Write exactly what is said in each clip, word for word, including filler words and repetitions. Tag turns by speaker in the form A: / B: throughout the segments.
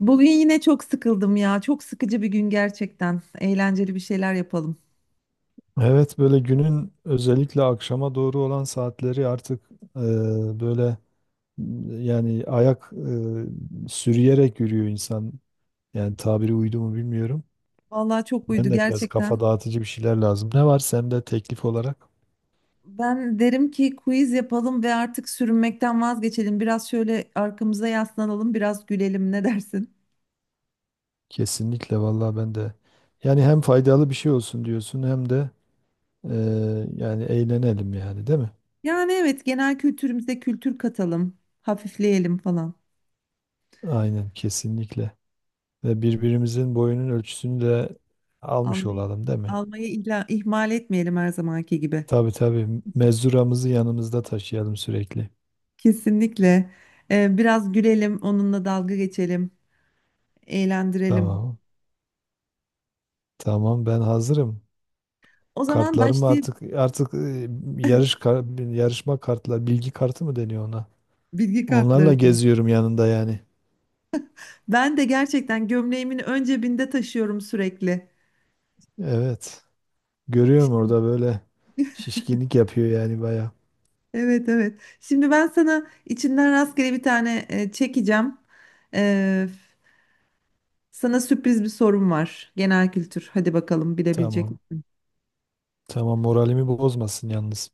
A: Bugün yine çok sıkıldım ya. Çok sıkıcı bir gün gerçekten. Eğlenceli bir şeyler yapalım.
B: Evet böyle günün özellikle akşama doğru olan saatleri artık e, böyle m, yani ayak e, sürüyerek yürüyor insan. Yani tabiri uydu mu bilmiyorum.
A: Vallahi çok
B: Ben
A: uydu
B: de biraz kafa
A: gerçekten.
B: dağıtıcı bir şeyler lazım. Ne var sende teklif olarak?
A: Ben derim ki quiz yapalım ve artık sürünmekten vazgeçelim. Biraz şöyle arkamıza yaslanalım, biraz gülelim. Ne dersin?
B: Kesinlikle vallahi ben de. Yani hem faydalı bir şey olsun diyorsun hem de e, yani eğlenelim yani değil mi?
A: Yani evet, genel kültürümüze kültür katalım, hafifleyelim falan.
B: Aynen kesinlikle. Ve birbirimizin boyunun ölçüsünü de almış
A: Almayı,
B: olalım değil mi?
A: almayı ihla- ihmal etmeyelim her zamanki gibi.
B: Tabii tabii. Mezuramızı yanımızda taşıyalım sürekli.
A: Kesinlikle. Ee, biraz gülelim, onunla dalga geçelim, eğlendirelim.
B: Tamam. Tamam ben hazırım.
A: O zaman
B: Kartlarım
A: başlayıp
B: artık artık e, yarış kar- yarışma kartlar, bilgi kartı mı deniyor ona?
A: bilgi
B: Onlarla
A: kartları.
B: geziyorum yanında yani.
A: Ben de gerçekten gömleğimin ön cebinde taşıyorum sürekli.
B: Evet. Görüyorum
A: Şimdi,
B: orada böyle şişkinlik yapıyor yani baya.
A: evet evet. Şimdi ben sana içinden rastgele bir tane e, çekeceğim. E, Sana sürpriz bir sorum var. Genel kültür. Hadi bakalım bilebilecek
B: Tamam.
A: misin?
B: Tamam moralimi bozmasın yalnız.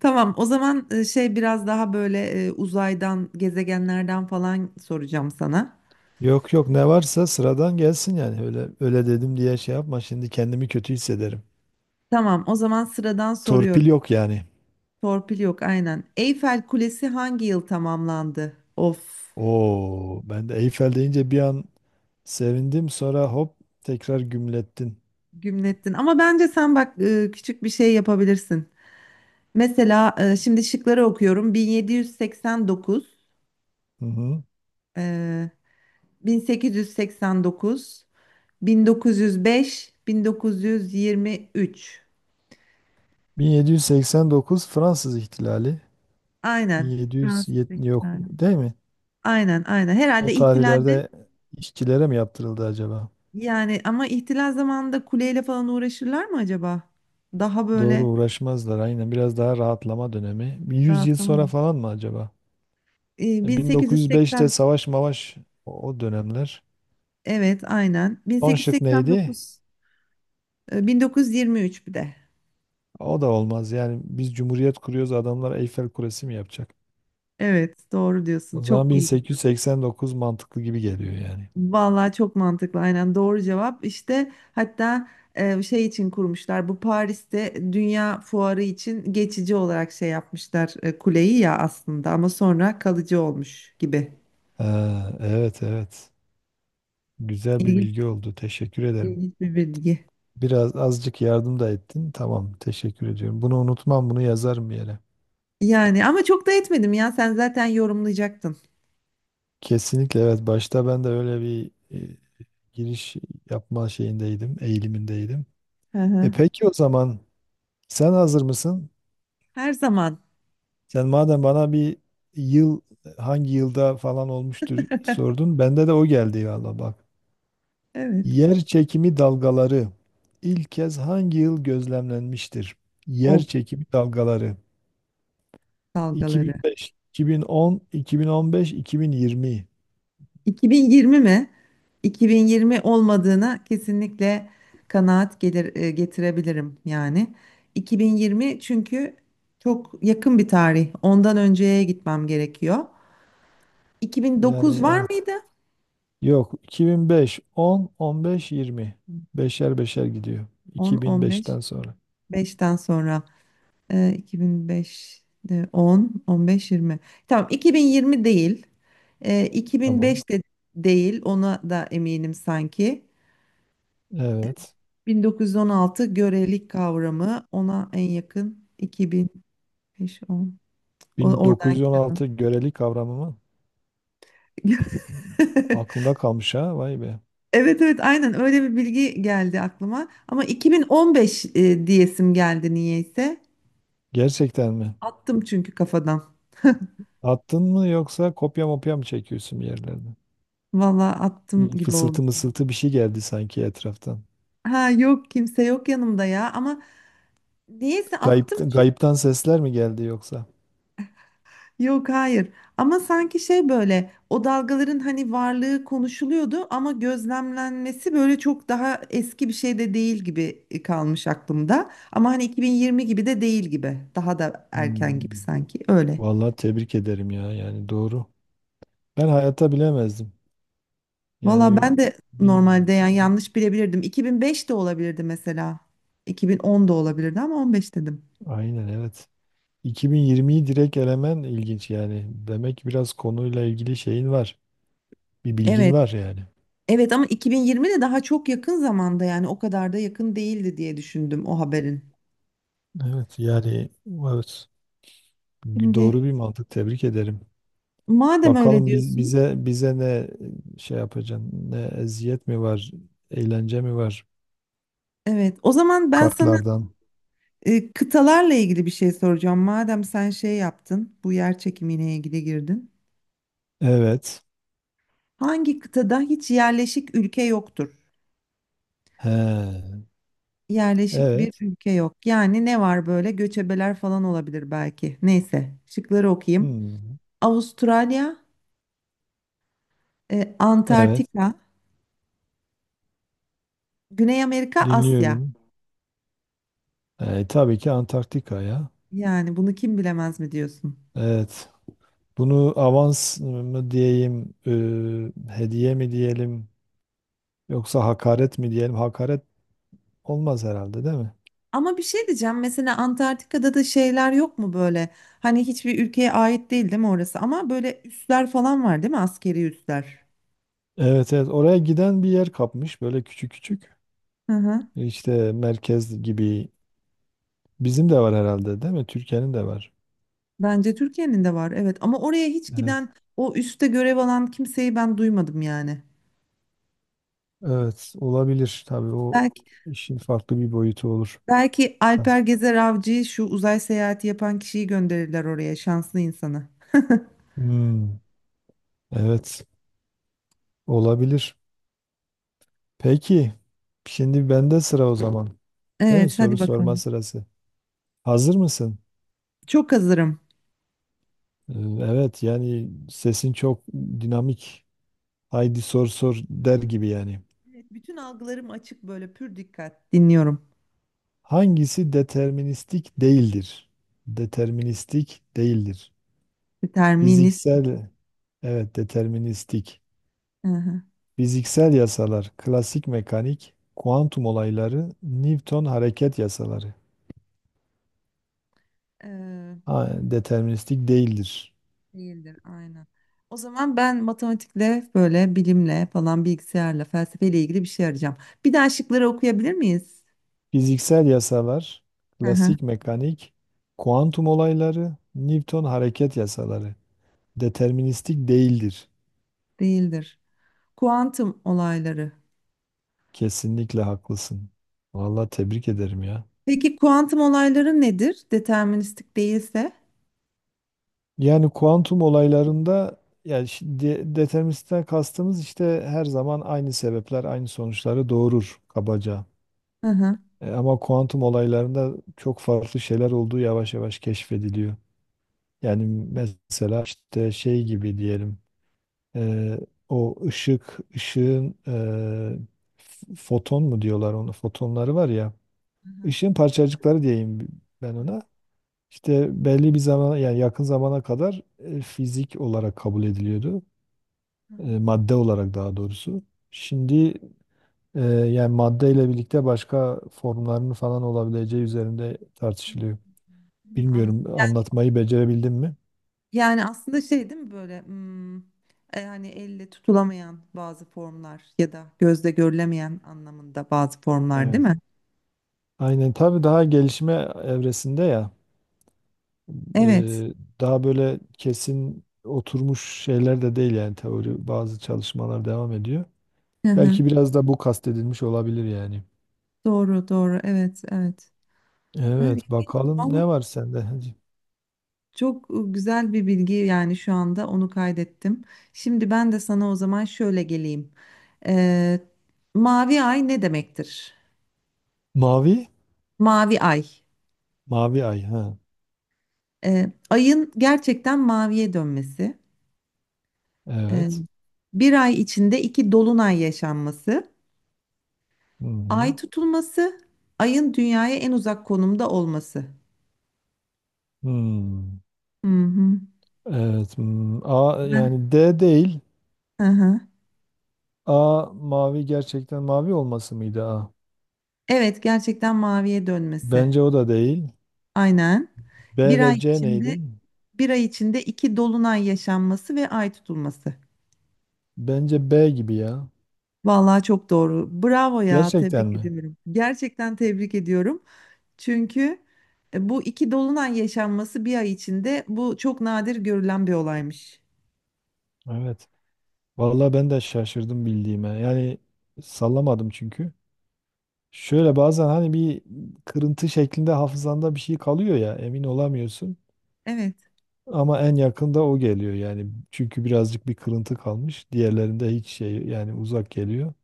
A: Tamam. O zaman e, şey biraz daha böyle e, uzaydan, gezegenlerden falan soracağım sana.
B: Yok yok ne varsa sıradan gelsin yani. Öyle öyle dedim diye şey yapma. Şimdi kendimi kötü hissederim.
A: Tamam. O zaman sıradan soruyorum.
B: Torpil yok yani.
A: Torpil yok aynen. Eyfel Kulesi hangi yıl tamamlandı? Of.
B: Oo, ben de Eyfel deyince bir an sevindim, sonra hop tekrar gümlettin.
A: Gümlettin. Ama bence sen bak e, küçük bir şey yapabilirsin. Mesela e, şimdi şıkları okuyorum. bin yedi yüz seksen dokuz,
B: Hı hı.
A: e, bin sekiz yüz seksen dokuz, bin dokuz yüz beş, bin dokuz yüz yirmi üç.
B: bin yedi yüz seksen dokuz Fransız ihtilali.
A: Aynen. Fransız
B: bin yedi yüz yetmiş yok
A: ihtilali.
B: değil mi?
A: Aynen, aynen.
B: O
A: Herhalde ihtilalde
B: tarihlerde işçilere mi yaptırıldı acaba?
A: yani ama ihtilal zamanında kuleyle falan uğraşırlar mı acaba? Daha
B: Doğru,
A: böyle
B: uğraşmazlar aynen, biraz daha rahatlama dönemi. Bir yüz yıl sonra
A: rahatlamadım.
B: falan mı acaba?
A: E,
B: E, bin dokuz yüz beşte
A: bin sekiz yüz seksen
B: savaş mavaş, o o dönemler.
A: evet aynen.
B: Son şık neydi?
A: bin sekiz yüz seksen dokuz. E, bin dokuz yüz yirmi üç bir de.
B: O da olmaz yani, biz cumhuriyet kuruyoruz adamlar Eyfel Kulesi mi yapacak?
A: Evet, doğru diyorsun.
B: O zaman
A: Çok iyi gidiyor.
B: bin sekiz yüz seksen dokuz mantıklı gibi geliyor yani.
A: Vallahi çok mantıklı. Aynen doğru cevap. İşte hatta e, şey için kurmuşlar. Bu Paris'te Dünya Fuarı için geçici olarak şey yapmışlar e, kuleyi ya aslında ama sonra kalıcı olmuş gibi.
B: Ha, evet evet. Güzel bir
A: İlginç,
B: bilgi oldu. Teşekkür ederim.
A: ilginç bir bilgi.
B: Biraz azıcık yardım da ettin. Tamam, teşekkür ediyorum. Bunu unutmam, bunu yazarım bir yere.
A: Yani ama çok da etmedim ya. Sen zaten yorumlayacaktın.
B: Kesinlikle evet. Başta ben de öyle bir e, giriş yapma şeyindeydim, eğilimindeydim.
A: Hı
B: E
A: hı.
B: peki, o zaman sen hazır mısın?
A: Her zaman.
B: Sen madem bana bir yıl hangi yılda falan olmuştur sordun. Bende de o geldi valla bak.
A: Evet.
B: Yer çekimi dalgaları ilk kez hangi yıl gözlemlenmiştir? Yer
A: O
B: çekimi dalgaları
A: dalgaları.
B: iki bin beş, iki bin on, iki bin on beş, iki bin yirmi.
A: iki bin yirmi mi? iki bin yirmi olmadığına kesinlikle kanaat gelir, e, getirebilirim yani. iki bin yirmi çünkü çok yakın bir tarih. Ondan önceye gitmem gerekiyor. iki bin dokuz
B: Yani
A: var
B: evet.
A: mıydı?
B: Yok, iki bin beş, on, on beş, yirmi. Beşer beşer gidiyor.
A: on, on beş,
B: iki bin beşten sonra.
A: beşten sonra. E, iki bin beş, e, on, on beş, yirmi. Tamam iki bin yirmi değil. E,
B: Tamam.
A: iki bin beş de değil. Ona da eminim sanki.
B: Evet.
A: bin dokuz yüz on altı görelik kavramı ona en yakın iki bin beş-on oradan.
B: bin dokuz yüz on altı göreli kavramı mı? Aklında kalmış ha. Vay be.
A: Evet evet aynen öyle bir bilgi geldi aklıma ama iki bin on beş e, diyesim geldi niyeyse
B: Gerçekten mi?
A: attım çünkü kafadan,
B: Attın mı yoksa kopya mopya mı çekiyorsun bir yerlerde?
A: valla attım
B: Bir
A: gibi oldu.
B: fısıltı mısıltı bir şey geldi sanki etraftan.
A: Ha yok, kimse yok yanımda ya ama niyeyse attım.
B: Gayipten, gayipten sesler mi geldi yoksa?
A: Yok, hayır, ama sanki şey böyle o dalgaların hani varlığı konuşuluyordu ama gözlemlenmesi böyle çok daha eski bir şey de değil gibi e, kalmış aklımda. Ama hani iki bin yirmi gibi de değil gibi, daha da
B: Hmm.
A: erken gibi sanki öyle.
B: Vallahi tebrik ederim ya. Yani doğru. Ben hayata bilemezdim.
A: Valla
B: Yani
A: ben de
B: bir,
A: normalde yani
B: bir-
A: yanlış bilebilirdim, iki bin beş de olabilirdi mesela, iki bin on da olabilirdi ama on beş dedim.
B: aynen evet. iki bin yirmiyi direkt elemen ilginç yani. Demek ki biraz konuyla ilgili şeyin var. Bir bilgin
A: Evet
B: var yani.
A: evet ama iki bin yirmi de daha çok yakın zamanda yani, o kadar da yakın değildi diye düşündüm o haberin.
B: Evet yani evet. Doğru
A: Şimdi
B: bir mantık. Tebrik ederim.
A: madem öyle
B: Bakalım biz,
A: diyorsun.
B: bize bize ne şey yapacaksın? Ne, eziyet mi var? Eğlence mi var?
A: Evet, o zaman ben sana
B: Kartlardan.
A: e, kıtalarla ilgili bir şey soracağım. Madem sen şey yaptın, bu yer çekimine ilgili girdin.
B: Evet.
A: Hangi kıtada hiç yerleşik ülke yoktur?
B: He.
A: Yerleşik bir
B: Evet.
A: ülke yok. Yani ne var böyle? Göçebeler falan olabilir belki. Neyse, şıkları okuyayım.
B: Hmm.
A: Avustralya, e,
B: Evet.
A: Antarktika, Güney Amerika, Asya.
B: Dinliyorum. E, tabii ki Antarktika ya.
A: Yani bunu kim bilemez mi diyorsun?
B: Evet. Bunu avans mı diyeyim, e, hediye mi diyelim, yoksa hakaret mi diyelim? Hakaret olmaz herhalde, değil mi?
A: Ama bir şey diyeceğim. Mesela Antarktika'da da şeyler yok mu böyle? Hani hiçbir ülkeye ait değil, değil mi orası? Ama böyle üsler falan var değil mi? Askeri üsler.
B: Evet, evet. Oraya giden bir yer kapmış, böyle küçük küçük.
A: Hı hı.
B: İşte merkez gibi. Bizim de var herhalde, değil mi? Türkiye'nin de var.
A: Bence Türkiye'nin de var. Evet. Ama oraya hiç
B: Evet.
A: giden, o üste görev alan kimseyi ben duymadım yani.
B: Evet, olabilir. Tabii o
A: Belki
B: işin farklı bir boyutu olur.
A: belki Alper Gezer Avcı'yı, şu uzay seyahati yapan kişiyi gönderirler oraya, şanslı insanı.
B: Hmm, evet, olabilir. Peki, şimdi bende sıra o zaman. Değil mi?
A: Evet, hadi
B: Soru sorma
A: bakalım.
B: sırası. Hazır mısın?
A: Çok hazırım.
B: Ee, evet, yani sesin çok dinamik. Haydi sor sor der gibi yani.
A: Evet, bütün algılarım açık, böyle pür dikkat dinliyorum.
B: Hangisi deterministik değildir? Deterministik değildir.
A: Determinist.
B: Fiziksel, evet deterministik.
A: Hı
B: Fiziksel yasalar, klasik mekanik, kuantum olayları, Newton hareket yasaları.
A: hı.
B: Ha, deterministik değildir.
A: Değildir, aynen. O zaman ben matematikle böyle, bilimle falan, bilgisayarla, felsefeyle ilgili bir şey arayacağım. Bir daha şıkları okuyabilir miyiz?
B: Fiziksel yasalar,
A: Hı hı,
B: klasik mekanik, kuantum olayları, Newton hareket yasaları. Deterministik değildir.
A: değildir. Kuantum olayları.
B: Kesinlikle haklısın. Vallahi tebrik ederim ya.
A: Peki kuantum olayları nedir? Deterministik değilse?
B: Yani kuantum olaylarında, yani şi- de- deterministten kastımız işte her zaman aynı sebepler aynı sonuçları doğurur kabaca.
A: Hı hı.
B: E, ama kuantum olaylarında çok farklı şeyler olduğu yavaş yavaş keşfediliyor. Yani mesela işte şey gibi diyelim. Eee, O ışık, ışığın eee, f- foton mu diyorlar onu? Fotonları var ya.
A: Hı hı,
B: Işığın parçacıkları diyeyim ben
A: hı hı,
B: ona. İşte belli bir zaman, yani yakın zamana kadar e, fizik olarak kabul ediliyordu.
A: hı
B: E,
A: hı.
B: madde olarak daha doğrusu. Şimdi e, yani madde ile birlikte başka formlarının falan olabileceği üzerinde tartışılıyor.
A: Hmm, anladım.
B: Bilmiyorum,
A: Yani
B: anlatmayı becerebildim mi?
A: yani aslında şey değil mi böyle, hmm, e, hani elle tutulamayan bazı formlar ya da gözle görülemeyen anlamında bazı formlar değil
B: Evet.
A: mi?
B: Aynen tabii, daha gelişme evresinde ya.
A: Evet.
B: Eee, Daha böyle kesin oturmuş şeyler de değil yani, teori, bazı çalışmalar devam ediyor. Belki biraz da bu kastedilmiş olabilir yani.
A: Doğru, doğru. Evet, evet. Evet,
B: Evet, bakalım
A: vallahi
B: ne var sende? Hadi.
A: çok güzel bir bilgi, yani şu anda onu kaydettim. Şimdi ben de sana o zaman şöyle geleyim. Ee, Mavi ay ne demektir?
B: Mavi?
A: Mavi ay.
B: Mavi ay ha.
A: Ee, ayın gerçekten maviye dönmesi. Ee,
B: Evet.
A: Bir ay içinde iki dolunay yaşanması.
B: Hı hı.
A: Ay tutulması. Ayın dünyaya en uzak konumda olması.
B: Hmm.
A: Hı hı.
B: Evet. Hmm. A
A: Ben-
B: yani, D değil.
A: Hı hı.
B: A mavi, gerçekten mavi olması mıydı A?
A: Evet, gerçekten maviye dönmesi.
B: Bence o da değil.
A: Aynen. Bir
B: B ve
A: ay
B: C
A: içinde
B: neydi?
A: bir ay içinde iki dolunay yaşanması ve ay tutulması.
B: Bence B gibi ya.
A: Vallahi çok doğru. Bravo ya,
B: Gerçekten
A: tebrik
B: mi?
A: ediyorum. Gerçekten tebrik ediyorum. Çünkü e, bu iki dolunay yaşanması bir ay içinde, bu çok nadir görülen bir olaymış.
B: Evet. Vallahi ben de şaşırdım bildiğime. Yani sallamadım çünkü. Şöyle bazen hani bir kırıntı şeklinde hafızanda bir şey kalıyor ya, emin olamıyorsun.
A: Evet,
B: Ama en yakında o geliyor yani. Çünkü birazcık bir kırıntı kalmış. Diğerlerinde hiç şey, yani uzak geliyor.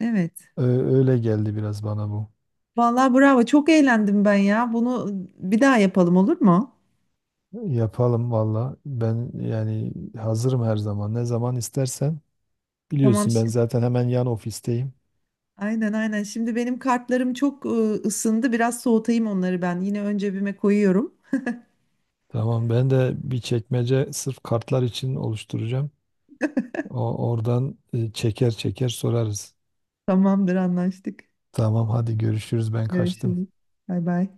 A: evet.
B: Ö- Öyle geldi biraz bana bu.
A: Vallahi bravo. Çok eğlendim ben ya. Bunu bir daha yapalım, olur mu?
B: Yapalım valla. Ben yani hazırım her zaman. Ne zaman istersen.
A: Tamam
B: Biliyorsun ben
A: şimdi.
B: zaten hemen yan ofisteyim.
A: Aynen aynen. Şimdi benim kartlarım çok e, ısındı. Biraz soğutayım onları ben. Yine ön cebime koyuyorum.
B: Tamam, ben de bir çekmece sırf kartlar için oluşturacağım. O, oradan e, çeker çeker sorarız.
A: Tamamdır, anlaştık.
B: Tamam hadi görüşürüz, ben kaçtım.
A: Görüşürüz. Bay bay.